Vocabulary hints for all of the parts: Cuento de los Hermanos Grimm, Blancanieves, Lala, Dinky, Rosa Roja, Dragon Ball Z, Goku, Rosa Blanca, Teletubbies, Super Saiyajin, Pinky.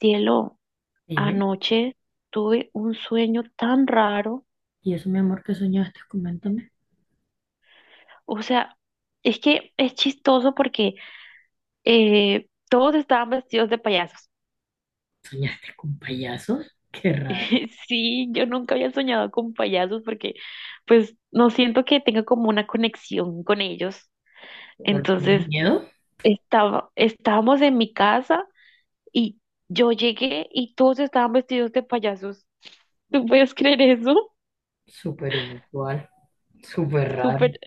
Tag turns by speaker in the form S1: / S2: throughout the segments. S1: Cielo,
S2: Dime,
S1: anoche tuve un sueño tan raro.
S2: ¿y eso, mi amor, que soñaste? Coméntame.
S1: O sea, es que es chistoso porque todos estaban vestidos de payasos.
S2: ¿Soñaste con payasos? Qué raro.
S1: Sí, yo nunca había soñado con payasos porque pues no siento que tenga como una conexión con ellos.
S2: ¿Pero tienes
S1: Entonces,
S2: miedo?
S1: estábamos en mi casa y yo llegué y todos estaban vestidos de payasos. ¿Tú puedes creer eso?
S2: Súper inusual, súper raro.
S1: Súper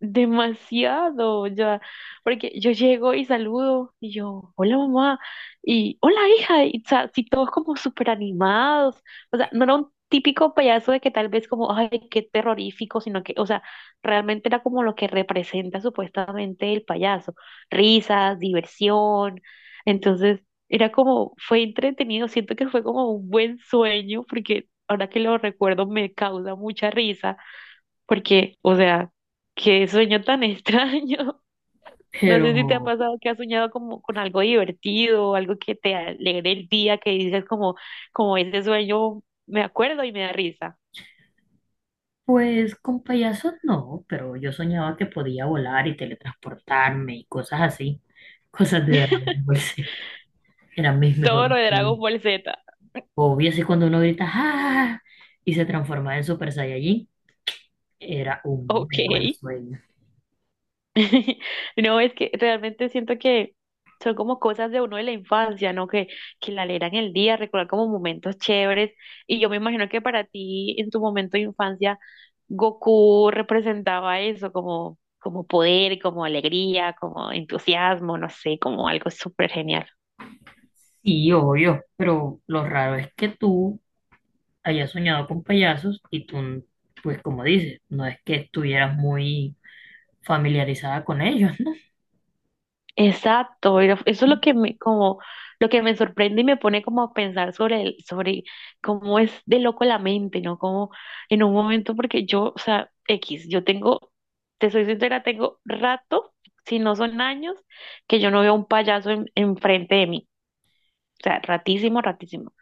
S1: demasiado, ya, porque yo llego y saludo y yo, hola mamá, y hola hija, y o sea, si todos como súper animados, o sea, no era un típico payaso de que tal vez como, ay, qué terrorífico, sino que, o sea, realmente era como lo que representa supuestamente el payaso, risas, diversión, entonces era como, fue entretenido, siento que fue como un buen sueño, porque ahora que lo recuerdo me causa mucha risa porque, o sea, qué sueño tan extraño. No sé si te ha
S2: Pero,
S1: pasado que has soñado como con algo divertido, o algo que te alegre el día, que dices como, como ese sueño, me acuerdo y me da risa.
S2: pues con payasos no, pero yo soñaba que podía volar y teletransportarme y cosas así. Cosas de Dragon Ball Z. Eran mis
S1: Todo
S2: mejores
S1: lo de Dragon
S2: sueños.
S1: Ball Z.
S2: Obvio, así cuando uno grita ¡Ah! Y se transforma en Super Saiyajin, era un muy
S1: Ok.
S2: buen sueño.
S1: No, es que realmente siento que son como cosas de uno de la infancia, ¿no? Que la leer en el día, recordar como momentos chéveres. Y yo me imagino que para ti, en tu momento de infancia, Goku representaba eso, como, como poder, como alegría, como entusiasmo, no sé, como algo súper genial.
S2: Sí, obvio, pero lo raro es que tú hayas soñado con payasos y tú, pues como dices, no es que estuvieras muy familiarizada con ellos, ¿no?
S1: Exacto, eso es lo que me, como, lo que me sorprende y me pone como a pensar sobre el, sobre cómo es de loco la mente, ¿no? Como en un momento, porque yo, o sea, X, yo tengo, te soy sincera, tengo rato, si no son años, que yo no veo un payaso en, enfrente de mí. O sea, ratísimo, ratísimo.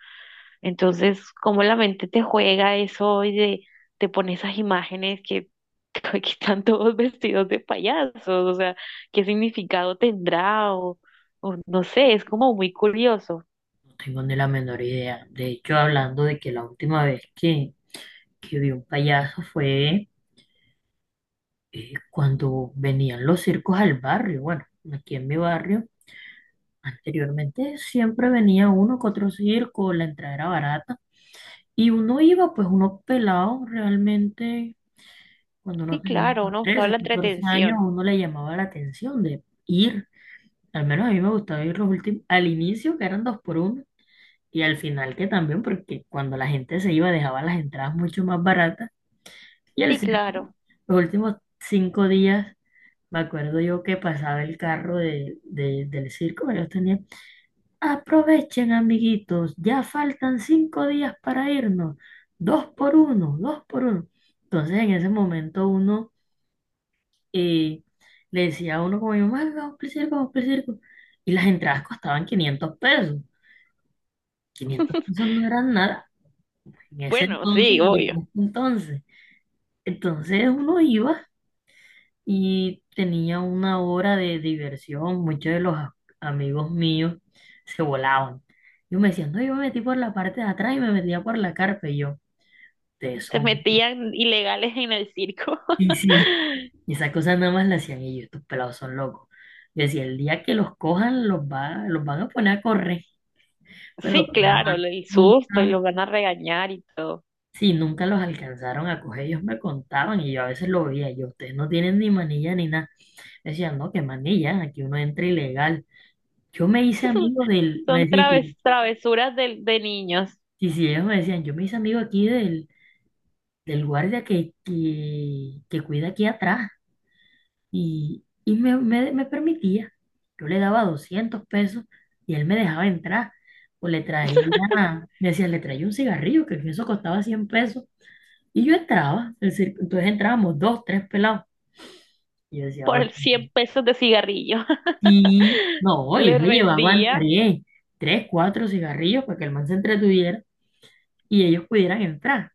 S1: Entonces, cómo la mente te juega eso te pone esas imágenes que, que están todos vestidos de payasos, o sea, qué significado tendrá o no sé, es como muy curioso.
S2: No tengo ni la menor idea. De hecho, hablando de que la última vez que vi un payaso fue cuando venían los circos al barrio. Bueno, aquí en mi barrio, anteriormente siempre venía uno que otro circo, la entrada era barata. Y uno iba, pues uno pelado realmente, cuando
S1: Sí,
S2: uno tenía
S1: claro, uno buscaba
S2: 13
S1: la
S2: 14 años, a
S1: entretención.
S2: uno le llamaba la atención de ir. Al menos a mí me gustaba ir los últimos, al inicio que eran dos por uno y al final que también, porque cuando la gente se iba dejaba las entradas mucho más baratas. Y el
S1: Sí,
S2: circo,
S1: claro.
S2: los últimos 5 días, me acuerdo yo que pasaba el carro del circo, ellos tenían, aprovechen amiguitos, ya faltan 5 días para irnos, dos por uno, dos por uno. Entonces en ese momento uno eh, le decía a uno como mi mamá, vamos para el circo, vamos para el circo. Y las entradas costaban 500 pesos. 500 pesos no eran nada en ese
S1: Bueno,
S2: entonces
S1: sí,
S2: y en
S1: obvio.
S2: este entonces. Entonces uno iba y tenía una hora de diversión. Muchos de los amigos míos se volaban. Yo me decía, no, yo me metí por la parte de atrás y me metía por la carpa. Y yo, ustedes
S1: Se
S2: son.
S1: metían ilegales en el circo.
S2: Y sí, esas cosas nada más las hacían ellos, estos pelados son locos. Yo decía, el día que los cojan, los, va, los van a poner a correr. Pero
S1: Sí,
S2: que va,
S1: claro, el susto y
S2: nunca.
S1: los van a regañar y todo.
S2: Sí, nunca los alcanzaron a coger, ellos me contaban y yo a veces lo veía, yo, ustedes no tienen ni manilla ni nada. Me decían, no, qué manilla, aquí uno entra ilegal. Yo me hice amigo del, me decían,
S1: Travesuras de niños.
S2: sí, sí, ellos me decían, yo me hice amigo aquí del guardia que cuida aquí atrás y me permitía. Yo le daba 200 pesos y él me dejaba entrar. O le traía, me decía, le traía un cigarrillo, que eso costaba 100 pesos. Y yo entraba, es decir, entonces entrábamos dos, tres pelados. Y yo decía,
S1: Por
S2: "Oye,
S1: el 100 pesos de cigarrillo.
S2: sí, no, ellos
S1: Le
S2: le llevaban
S1: rendía,
S2: tres, cuatro cigarrillos para que el man se entretuviera y ellos pudieran entrar.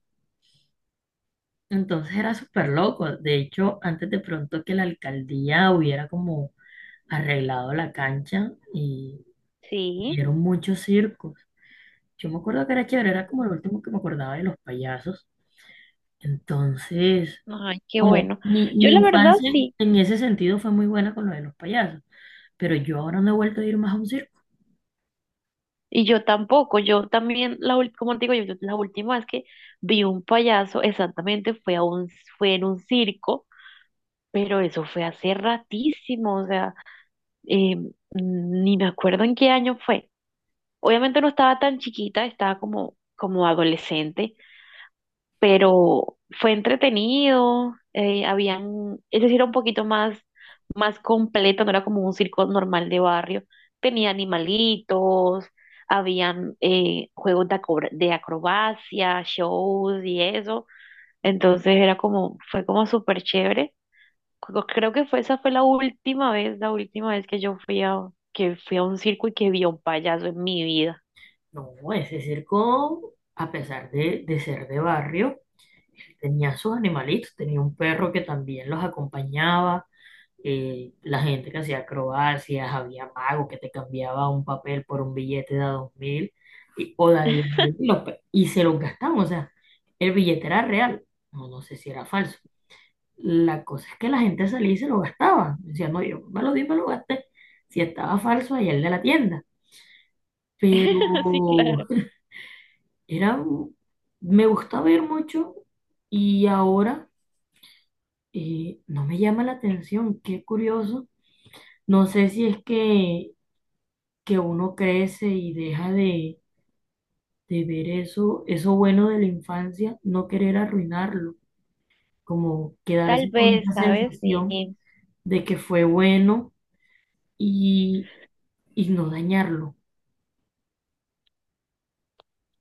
S2: Entonces era súper loco. De hecho, antes de pronto que la alcaldía hubiera como arreglado la cancha y
S1: sí.
S2: dieron muchos circos. Yo me acuerdo que era chévere, era como lo último que me acordaba de los payasos. Entonces,
S1: Ay, qué
S2: como
S1: bueno.
S2: mi,
S1: Yo
S2: mi
S1: la verdad
S2: infancia
S1: sí,
S2: en ese sentido fue muy buena con lo de los payasos, pero yo ahora no he vuelto a ir más a un circo.
S1: y yo tampoco, yo también, como te digo, yo, la última vez que vi un payaso, exactamente, fue en un circo, pero eso fue hace ratísimo, o sea, eh, ni me acuerdo en qué año fue. Obviamente no estaba tan chiquita, estaba como, como adolescente, pero fue entretenido, habían, es decir, era un poquito más, más completo, no era como un circo normal de barrio, tenía animalitos, habían juegos de, de acrobacia, shows y eso, entonces era como, fue como súper chévere. Creo que fue, esa fue la última vez que yo fui a, que fui a un circo y que vi a un payaso en mi vida.
S2: No, ese circo, a pesar de ser de barrio, tenía sus animalitos, tenía un perro que también los acompañaba, la gente que hacía acrobacias, había mago que te cambiaba un papel por un billete de a 2000 y, o de a 10.000 y, los y se los gastaban, o sea, el billete era real, no, no sé si era falso. La cosa es que la gente salía y se lo gastaba, decía, no, yo me lo di, me lo gasté, si estaba falso, allá el de la tienda. Pero
S1: Sí, claro.
S2: era, me gusta ver mucho y ahora, no me llama la atención, qué curioso. No sé si es que uno crece y deja de ver eso, eso bueno de la infancia, no querer arruinarlo, como
S1: Tal
S2: quedarse con
S1: vez,
S2: esa
S1: ¿sabes? Sí.
S2: sensación de que fue bueno y, y no dañarlo.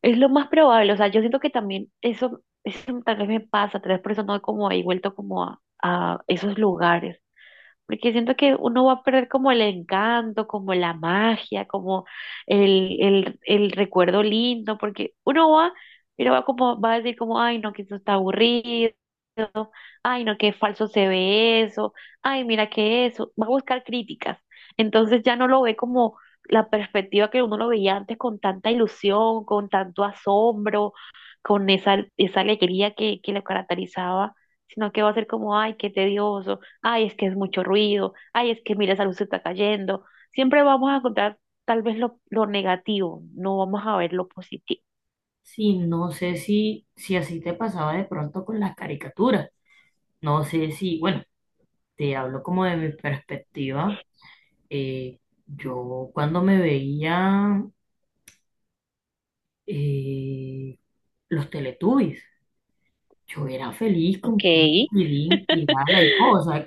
S1: Es lo más probable, o sea, yo siento que también eso tal vez me pasa, tal vez por eso no he como ahí vuelto como a esos lugares, porque siento que uno va a perder como el encanto, como la magia, como el recuerdo lindo, porque uno va, pero va como, va a decir como, ay, no, que esto está aburrido, ay, no, qué falso se ve eso, ay, mira qué eso, va a buscar críticas. Entonces ya no lo ve como la perspectiva que uno lo veía antes con tanta ilusión, con tanto asombro, con esa, esa alegría que lo caracterizaba, sino que va a ser como, ay, qué tedioso, ay, es que es mucho ruido, ay, es que mira, esa luz se está cayendo. Siempre vamos a encontrar tal vez lo negativo, no vamos a ver lo positivo.
S2: Sí, no sé si, si así te pasaba de pronto con las caricaturas. No sé si, bueno, te hablo como de mi perspectiva. Eh, yo cuando me veía eh, los Teletubbies, yo era feliz
S1: Ok,
S2: con Pinky, Dinky, Lala y todo, o sea,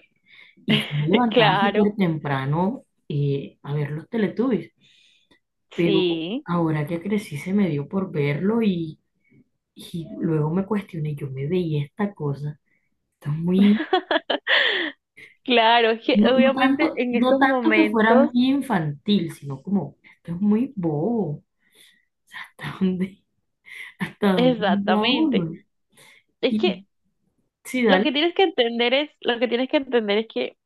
S2: y yo me levantaba
S1: claro,
S2: súper temprano a ver los Teletubbies, pero
S1: sí.
S2: ahora que crecí se me dio por verlo y luego me cuestioné, yo me veía esta cosa, esto es muy,
S1: Claro, es que
S2: no, no
S1: obviamente
S2: tanto,
S1: en
S2: no
S1: esos
S2: tanto que fuera muy
S1: momentos,
S2: infantil, sino como, esto es muy bobo, o sea, ¿hasta dónde? Hasta dónde llega
S1: exactamente.
S2: uno.
S1: Es
S2: Y
S1: que
S2: sí,
S1: lo
S2: dale,
S1: que tienes que entender es, lo que tienes que entender es que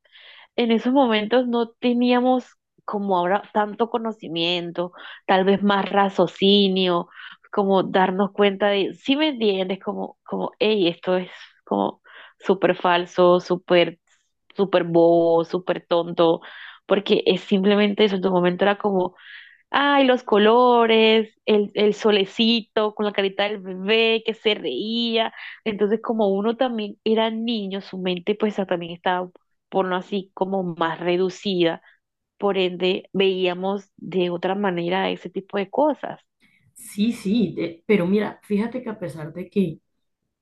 S1: en esos momentos no teníamos como ahora tanto conocimiento, tal vez más raciocinio, como darnos cuenta de, si me entiendes, como, como, hey, esto es como súper falso, súper, súper bobo, súper tonto, porque es simplemente eso, en tu momento era como ay, los colores, el solecito con la carita del bebé que se reía. Entonces, como uno también era niño, su mente pues también estaba, por no así, como más reducida. Por ende, veíamos de otra manera ese tipo de cosas.
S2: sí, sí, pero mira, fíjate que a pesar de que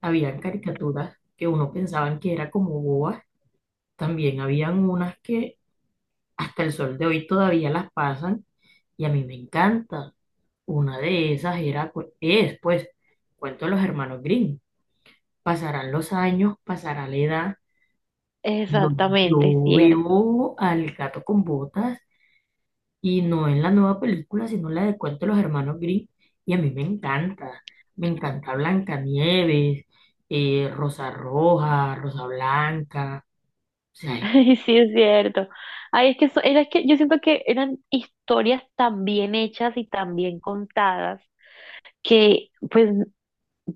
S2: habían caricaturas que uno pensaban que era como bobas, también habían unas que hasta el sol de hoy todavía las pasan y a mí me encanta. Una de esas era, es, pues, Cuento de los Hermanos Grimm. Pasarán los años, pasará la edad. Pero
S1: Exactamente, es
S2: yo
S1: cierto.
S2: veo al gato con botas. Y no en la nueva película, sino la de Cuento de los Hermanos Grimm. Y a mí me encanta. Me encanta Blancanieves, Rosa Roja, Rosa Blanca. O sea,
S1: Ay, sí, es cierto. Ay, es que, era que yo siento que eran historias tan bien hechas y tan bien contadas que pues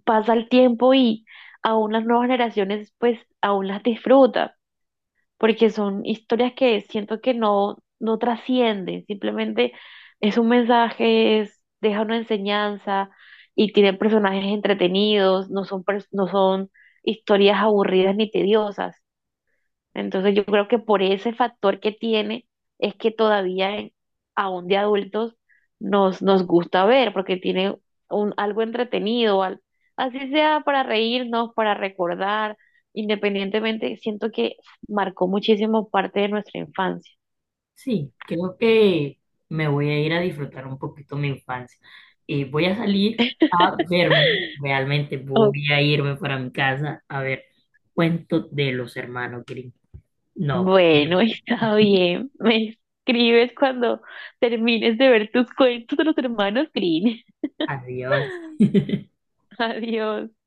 S1: pasa el tiempo y aún las nuevas generaciones pues aún las disfrutan, porque son historias que siento que no, no trascienden, simplemente es un mensaje, es, deja una enseñanza y tienen personajes entretenidos, no son, no son historias aburridas ni tediosas. Entonces yo creo que por ese factor que tiene es que todavía aún de adultos nos, nos gusta ver porque tiene un, algo entretenido, así sea para reírnos, para recordar, independientemente, siento que marcó muchísimo parte de nuestra infancia.
S2: sí, creo que me voy a ir a disfrutar un poquito mi infancia. Voy a salir a verme, realmente
S1: Oh,
S2: voy a irme para mi casa a ver Cuentos de los Hermanos Grimm. No,
S1: bueno, está bien. Me escribes cuando termines de ver tus cuentos de los hermanos Green.
S2: adiós.
S1: Adiós.